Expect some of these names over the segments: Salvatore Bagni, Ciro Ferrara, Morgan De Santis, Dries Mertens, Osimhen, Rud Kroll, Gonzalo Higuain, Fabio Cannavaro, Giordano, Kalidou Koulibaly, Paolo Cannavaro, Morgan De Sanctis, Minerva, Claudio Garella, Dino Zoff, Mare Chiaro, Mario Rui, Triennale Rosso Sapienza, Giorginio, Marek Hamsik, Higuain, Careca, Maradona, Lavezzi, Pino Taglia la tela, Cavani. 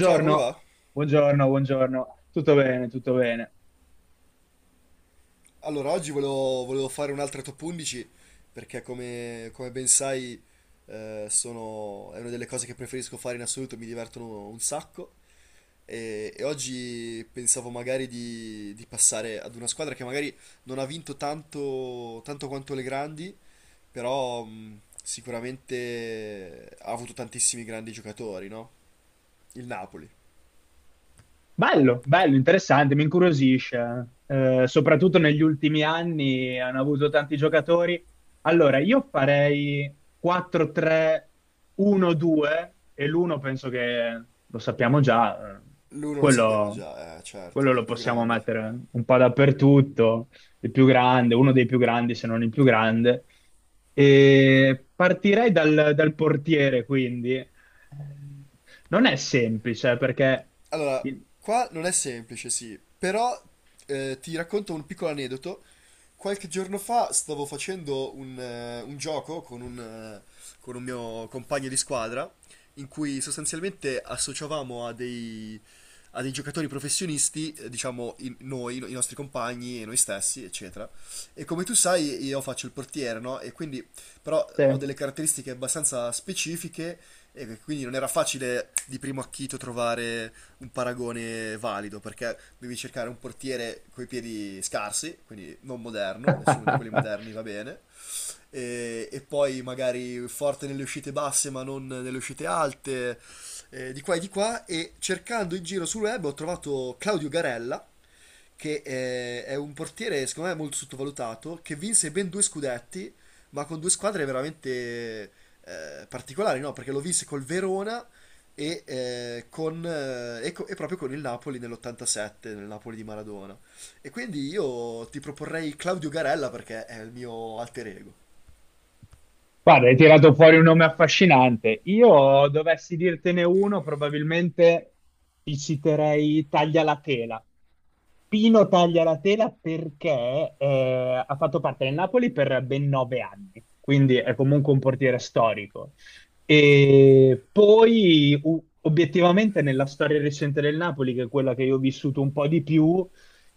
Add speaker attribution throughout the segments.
Speaker 1: Ciao, come va?
Speaker 2: buongiorno, buongiorno. Tutto bene, tutto bene.
Speaker 1: Allora, oggi volevo fare un'altra top 11 perché come ben sai è una delle cose che preferisco fare in assoluto, mi divertono un sacco e oggi pensavo magari di passare ad una squadra che magari non ha vinto tanto quanto le grandi, però sicuramente ha avuto tantissimi grandi giocatori, no? Il Napoli.
Speaker 2: Bello, bello, interessante, mi incuriosisce. Soprattutto negli ultimi anni hanno avuto tanti giocatori. Allora, io farei 4-3-1-2 e l'uno penso che lo sappiamo già,
Speaker 1: L'uno lo sappiamo
Speaker 2: quello,
Speaker 1: già, certo,
Speaker 2: quello
Speaker 1: il
Speaker 2: lo
Speaker 1: più
Speaker 2: possiamo
Speaker 1: grande.
Speaker 2: mettere un po' dappertutto, il più grande, uno dei più grandi, se non il più grande. E partirei dal portiere, quindi. Non è semplice perché...
Speaker 1: Allora, qua non è semplice, sì, però ti racconto un piccolo aneddoto. Qualche giorno fa stavo facendo un gioco con un mio compagno di squadra, in cui sostanzialmente associavamo a dei giocatori professionisti, diciamo noi, i nostri compagni e noi stessi, eccetera. E come tu sai, io faccio il portiere, no? E quindi, però, ho
Speaker 2: Sì.
Speaker 1: delle caratteristiche abbastanza specifiche e quindi non era facile di primo acchito trovare un paragone valido, perché devi cercare un portiere coi piedi scarsi, quindi non moderno, nessuno di quelli moderni va bene, e poi magari forte nelle uscite basse ma non delle uscite alte, di qua, e cercando in giro sul web ho trovato Claudio Garella, che è un portiere secondo me molto sottovalutato, che vinse ben due scudetti, ma con due squadre veramente particolari, no? Perché lo vinse col Verona e proprio con il Napoli nell'87, nel Napoli di Maradona. E quindi io ti proporrei Claudio Garella perché è il mio alter ego.
Speaker 2: Guarda, hai tirato fuori un nome affascinante. Io dovessi dirtene uno, probabilmente ti citerei Taglia la tela. Pino Taglia la tela perché ha fatto parte del Napoli per ben 9 anni, quindi è comunque un portiere storico. E poi, obiettivamente, nella storia recente del Napoli, che è quella che io ho vissuto un po' di più,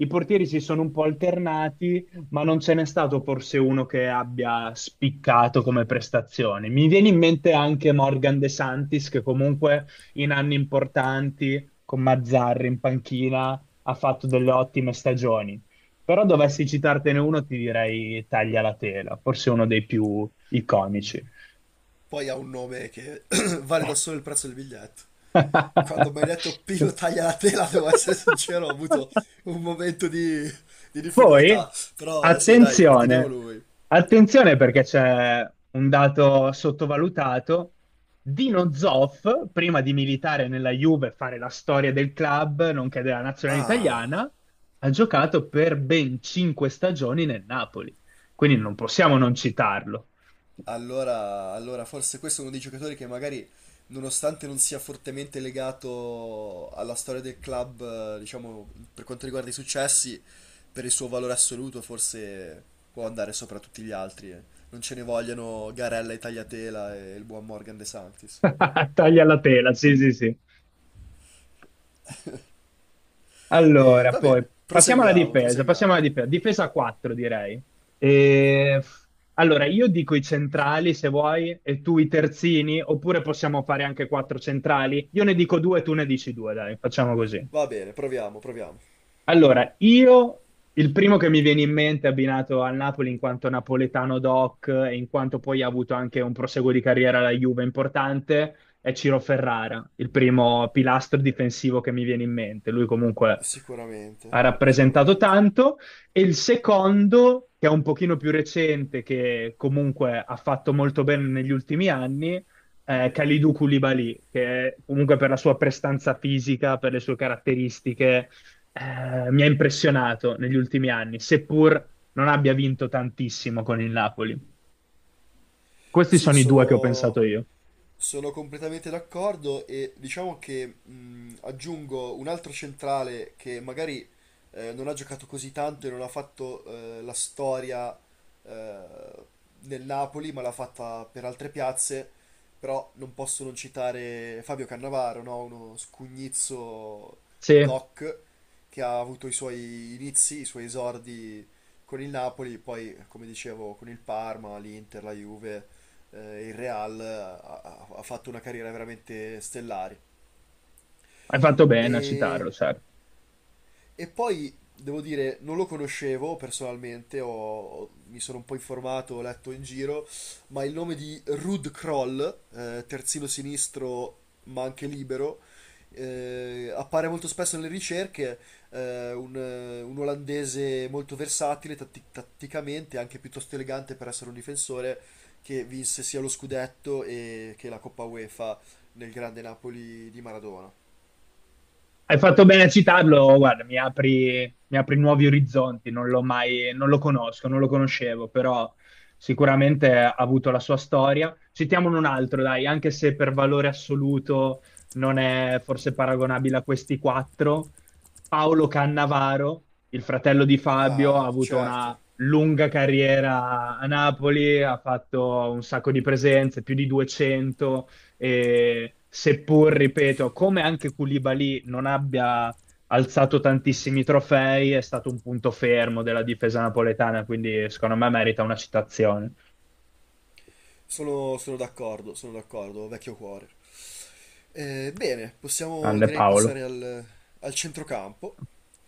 Speaker 2: i portieri si sono un po' alternati ma non ce n'è stato forse uno che abbia spiccato come prestazioni. Mi viene in mente anche Morgan De Santis, che comunque in anni importanti con Mazzarri in panchina ha fatto delle ottime stagioni. Però dovessi citartene uno, ti direi Taglia la tela, forse uno dei più iconici.
Speaker 1: Poi ha un nome che vale da solo il prezzo del biglietto. Quando mi hai detto Pino taglia la tela, devo essere sincero, ho avuto un momento di difficoltà.
Speaker 2: Poi,
Speaker 1: Però sì, dai, teniamo
Speaker 2: attenzione,
Speaker 1: lui.
Speaker 2: attenzione perché c'è un dato sottovalutato. Dino Zoff, prima di militare nella Juve e fare la storia del club, nonché della nazionale
Speaker 1: Ah,
Speaker 2: italiana, ha giocato per ben 5 stagioni nel Napoli. Quindi non possiamo non citarlo.
Speaker 1: allora forse questo è uno dei giocatori che magari, nonostante non sia fortemente legato alla storia del club, diciamo, per quanto riguarda i successi, per il suo valore assoluto, forse può andare sopra tutti gli altri. Non ce ne vogliono Garella e Tagliatela e il buon Morgan De Sanctis.
Speaker 2: Taglia la tela, sì, sì, sì.
Speaker 1: E
Speaker 2: Allora,
Speaker 1: va
Speaker 2: poi
Speaker 1: bene, proseguiamo,
Speaker 2: passiamo
Speaker 1: proseguiamo.
Speaker 2: alla difesa, difesa 4 direi. E- Allora, io dico i centrali se vuoi e tu i terzini, oppure possiamo fare anche quattro centrali. Io ne dico due, tu ne dici due, dai, facciamo così.
Speaker 1: Va bene, proviamo, proviamo.
Speaker 2: Allora, io il primo che mi viene in mente abbinato al Napoli in quanto napoletano doc e in quanto poi ha avuto anche un proseguo di carriera alla Juve importante è Ciro Ferrara, il primo pilastro difensivo che mi viene in mente. Lui comunque
Speaker 1: Sicuramente,
Speaker 2: ha rappresentato
Speaker 1: sicuramente.
Speaker 2: tanto. E il secondo, che è un pochino più recente, che comunque ha fatto molto bene negli ultimi anni, Kalidou Koulibaly, che comunque per la sua prestanza fisica, per le sue caratteristiche mi ha impressionato negli ultimi anni, seppur non abbia vinto tantissimo con il Napoli. Questi
Speaker 1: Sì,
Speaker 2: sono i due che ho pensato
Speaker 1: sono,
Speaker 2: io.
Speaker 1: sono completamente d'accordo e diciamo che aggiungo un altro centrale che magari non ha giocato così tanto e non ha fatto la storia eh, nel Napoli, ma l'ha fatta per altre piazze, però non posso non citare Fabio Cannavaro, no? Uno scugnizzo
Speaker 2: Sì, hai
Speaker 1: doc che ha avuto i suoi inizi, i suoi esordi con il Napoli, poi come dicevo con il Parma, l'Inter, la Juve, il Real, ha fatto una carriera veramente stellare.
Speaker 2: fatto bene a
Speaker 1: E
Speaker 2: citarlo, certo.
Speaker 1: e poi devo dire, non lo conoscevo personalmente, mi sono un po' informato, ho letto in giro, ma il nome di Rud Kroll, terzino sinistro ma anche libero, appare molto spesso nelle ricerche, un olandese molto versatile tatticamente, anche piuttosto elegante per essere un difensore, che vinse sia lo scudetto e che la Coppa UEFA nel grande Napoli di Maradona.
Speaker 2: Hai fatto bene a citarlo, guarda, mi apri nuovi orizzonti, non l'ho mai, non lo conosco, non lo conoscevo, però sicuramente ha avuto la sua storia. Citiamone un altro, dai, anche se per valore assoluto non è forse paragonabile a questi quattro. Paolo Cannavaro, il fratello di Fabio,
Speaker 1: Ah,
Speaker 2: ha avuto
Speaker 1: certo.
Speaker 2: una lunga carriera a Napoli, ha fatto un sacco di presenze, più di 200 e seppur, ripeto, come anche Koulibaly non abbia alzato tantissimi trofei, è stato un punto fermo della difesa napoletana, quindi secondo me merita una citazione.
Speaker 1: Sono d'accordo, sono d'accordo, vecchio cuore. Bene, possiamo
Speaker 2: Grande
Speaker 1: direi
Speaker 2: Paolo.
Speaker 1: passare al, centrocampo.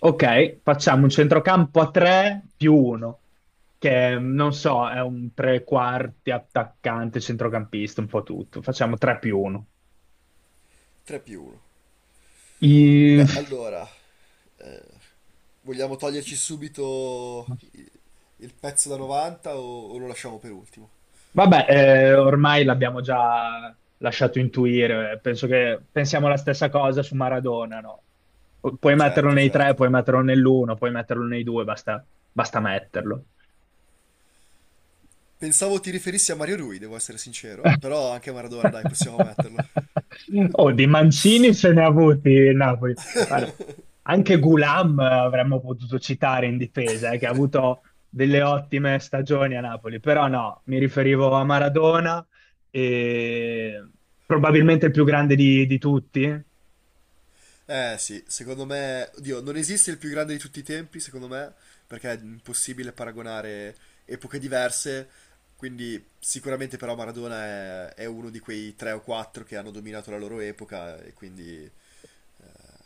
Speaker 2: Ok, facciamo un
Speaker 1: E
Speaker 2: centrocampo a 3 più 1, che non so, è un tre quarti attaccante, centrocampista, un po' tutto. Facciamo 3 più 1.
Speaker 1: 3 più 1. Beh, allora, eh, vogliamo toglierci subito il pezzo da 90 o lo lasciamo per ultimo?
Speaker 2: Vabbè, ormai l'abbiamo già lasciato intuire, penso che pensiamo la stessa cosa su Maradona, no? Puoi metterlo
Speaker 1: Certo,
Speaker 2: nei tre,
Speaker 1: certo.
Speaker 2: puoi metterlo nell'uno, puoi metterlo nei due, basta, basta metterlo.
Speaker 1: Pensavo ti riferissi a Mario Rui, devo essere sincero, però anche Maradona, dai, possiamo metterlo.
Speaker 2: Oh, di Mancini se ne ha avuti il Napoli. Guarda, anche Gulam avremmo potuto citare in difesa, che ha avuto delle ottime stagioni a Napoli, però no, mi riferivo a Maradona, e probabilmente il più grande di tutti.
Speaker 1: Eh sì, secondo me, oddio, non esiste il più grande di tutti i tempi, secondo me, perché è impossibile paragonare epoche diverse, quindi sicuramente però Maradona è uno di quei tre o quattro che hanno dominato la loro epoca e quindi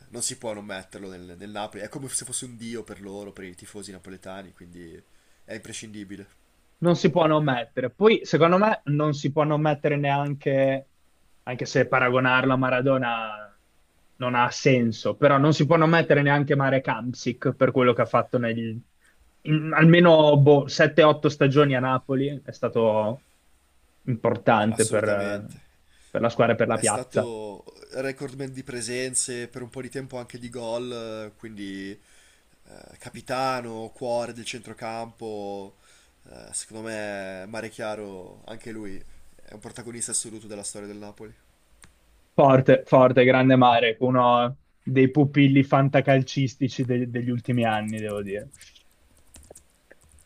Speaker 1: non si può non metterlo nel Napoli, è come se fosse un dio per loro, per i tifosi napoletani, quindi è imprescindibile,
Speaker 2: Non si può non mettere. Poi, secondo me, non si può non mettere neanche, anche se paragonarlo a Maradona non ha senso, però non si può non mettere neanche Marek Hamsik per quello che ha fatto negli, in almeno boh, 7-8 stagioni a Napoli. È stato importante per, eh,
Speaker 1: assolutamente.
Speaker 2: per la squadra e per la
Speaker 1: È
Speaker 2: piazza.
Speaker 1: stato recordman di presenze, per un po' di tempo anche di gol, quindi capitano, cuore del centrocampo. Secondo me Mare Chiaro, anche lui, è un protagonista assoluto della storia del Napoli.
Speaker 2: Forte, forte, grande Marek, uno dei pupilli fantacalcistici degli ultimi anni, devo dire.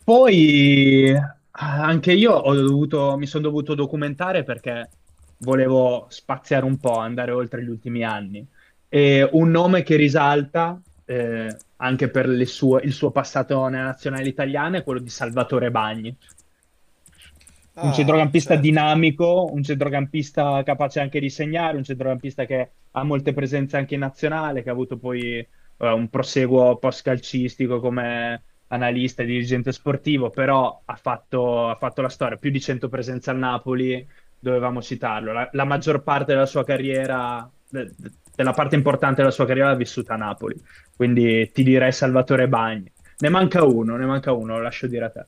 Speaker 2: Poi anche io ho dovuto, mi sono dovuto documentare perché volevo spaziare un po', andare oltre gli ultimi anni. E un nome che risalta, anche per il suo passato nella nazionale italiana, è quello di Salvatore Bagni, un
Speaker 1: Ah,
Speaker 2: centrocampista
Speaker 1: certo.
Speaker 2: dinamico, un centrocampista capace anche di segnare, un centrocampista che ha molte presenze anche in nazionale, che ha avuto poi un proseguo post-calcistico come analista e dirigente sportivo, però ha fatto la storia, più di 100 presenze al Napoli, dovevamo citarlo. La maggior parte della sua carriera, della parte importante della sua carriera l'ha vissuta a Napoli, quindi ti direi Salvatore Bagni. Ne manca uno, lo lascio dire a te.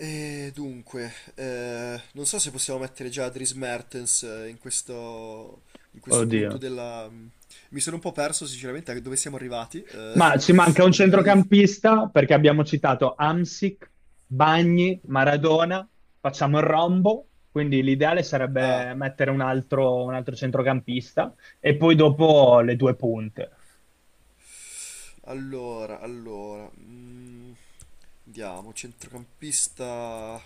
Speaker 1: E dunque, non so se possiamo mettere già Dries Mertens in questo punto
Speaker 2: Oddio.
Speaker 1: della... Mi sono un po' perso sinceramente a dove siamo arrivati
Speaker 2: Ma ci manca un
Speaker 1: a livello di...
Speaker 2: centrocampista perché abbiamo citato Amsic, Bagni, Maradona, facciamo il rombo, quindi l'ideale
Speaker 1: Ah,
Speaker 2: sarebbe mettere un altro centrocampista e poi dopo le due punte.
Speaker 1: Allora, allora, mm, vediamo, centrocampista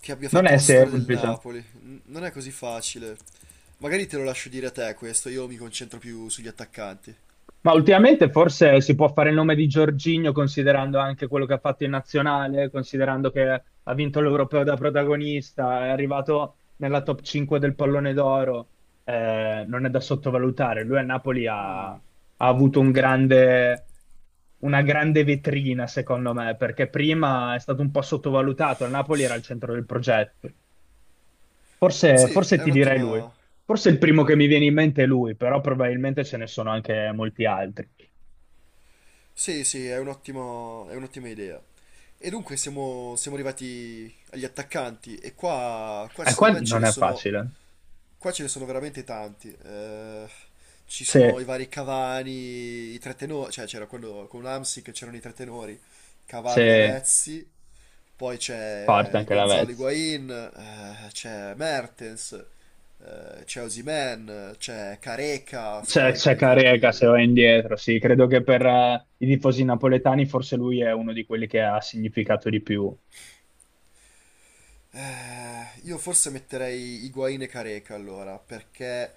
Speaker 1: che abbia
Speaker 2: Non
Speaker 1: fatto
Speaker 2: è
Speaker 1: la storia del
Speaker 2: semplice.
Speaker 1: Napoli. Non è così facile. Magari te lo lascio dire a te questo, io mi concentro più sugli attaccanti.
Speaker 2: Ma ultimamente forse si può fare il nome di Giorginio considerando anche quello che ha fatto in nazionale, considerando che ha vinto l'Europeo da protagonista, è arrivato nella top 5 del pallone d'oro, non è da sottovalutare. Lui a Napoli ha avuto un grande, una grande vetrina, secondo me, perché prima è stato un po' sottovalutato, a Napoli era al centro del progetto. Forse,
Speaker 1: Sì,
Speaker 2: forse
Speaker 1: è
Speaker 2: ti direi lui.
Speaker 1: un'ottima...
Speaker 2: Forse il primo che mi viene in mente è lui, però probabilmente ce ne sono anche molti altri.
Speaker 1: Sì, sì, è un'ottima idea. E dunque siamo arrivati agli attaccanti e qua
Speaker 2: E qua
Speaker 1: secondo me ce
Speaker 2: non
Speaker 1: ne
Speaker 2: è
Speaker 1: sono.
Speaker 2: facile.
Speaker 1: Qua ce ne sono veramente tanti. Ci sono i
Speaker 2: Se,
Speaker 1: vari Cavani, i tre tenori, cioè c'era quello con l'Amsic, c'erano i tre tenori, Cavani,
Speaker 2: se
Speaker 1: Lavezzi, poi c'è
Speaker 2: parte
Speaker 1: il
Speaker 2: anche la
Speaker 1: Gonzalo
Speaker 2: Vez.
Speaker 1: Higuain, c'è Mertens, c'è Osimhen, c'è Careca,
Speaker 2: C'è
Speaker 1: storico
Speaker 2: c'è
Speaker 1: dei
Speaker 2: Carega se
Speaker 1: tempi...
Speaker 2: va indietro, sì. Credo che per i tifosi napoletani forse lui è uno di quelli che ha significato di più.
Speaker 1: Io forse metterei Higuain e Careca allora, perché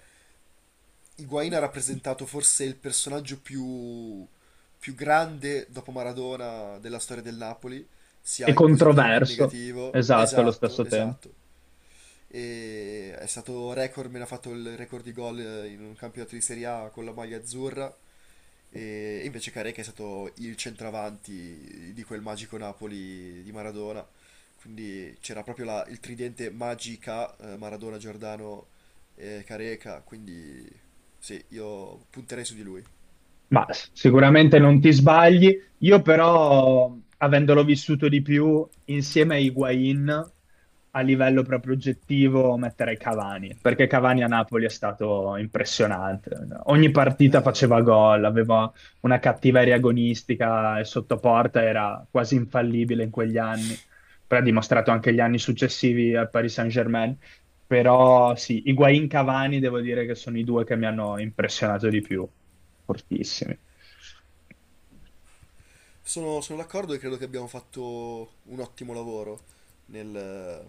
Speaker 1: Higuain ha rappresentato forse il personaggio più grande dopo Maradona della storia del Napoli,
Speaker 2: E
Speaker 1: sia in positivo che in
Speaker 2: controverso,
Speaker 1: negativo.
Speaker 2: esatto, allo
Speaker 1: Esatto,
Speaker 2: stesso tempo.
Speaker 1: esatto, e è stato record, me l'ha fatto il record di gol in un campionato di Serie A con la maglia azzurra, e invece Careca è stato il centravanti di quel magico Napoli di Maradona. Quindi c'era proprio il tridente magica, Maradona, Giordano e Careca, quindi sì, io punterei su di lui.
Speaker 2: Ma sicuramente non ti sbagli. Io però, avendolo vissuto di più, insieme a Higuain, a livello proprio oggettivo, metterei Cavani, perché Cavani a Napoli è stato impressionante. Ogni partita
Speaker 1: È vero.
Speaker 2: faceva gol, aveva una cattiveria agonistica e sotto porta era quasi infallibile in quegli anni. Poi ha dimostrato anche gli anni successivi al Paris Saint-Germain. Però sì, Higuain Cavani devo dire che sono i due che mi hanno impressionato di più, fortissimi.
Speaker 1: Sono d'accordo e credo che abbiamo fatto un ottimo lavoro nel.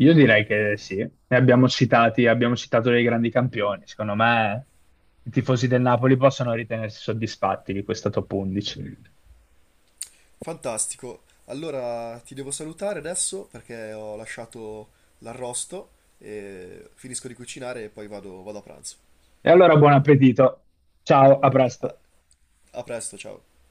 Speaker 2: Io direi che sì, ne abbiamo citati, abbiamo citato dei grandi campioni. Secondo me i tifosi del Napoli possono ritenersi soddisfatti di questa top 11.
Speaker 1: Fantastico. Allora ti devo salutare adesso perché ho lasciato l'arrosto e finisco di cucinare e poi vado a pranzo.
Speaker 2: E allora buon appetito. Ciao, a
Speaker 1: a
Speaker 2: presto.
Speaker 1: a presto, ciao.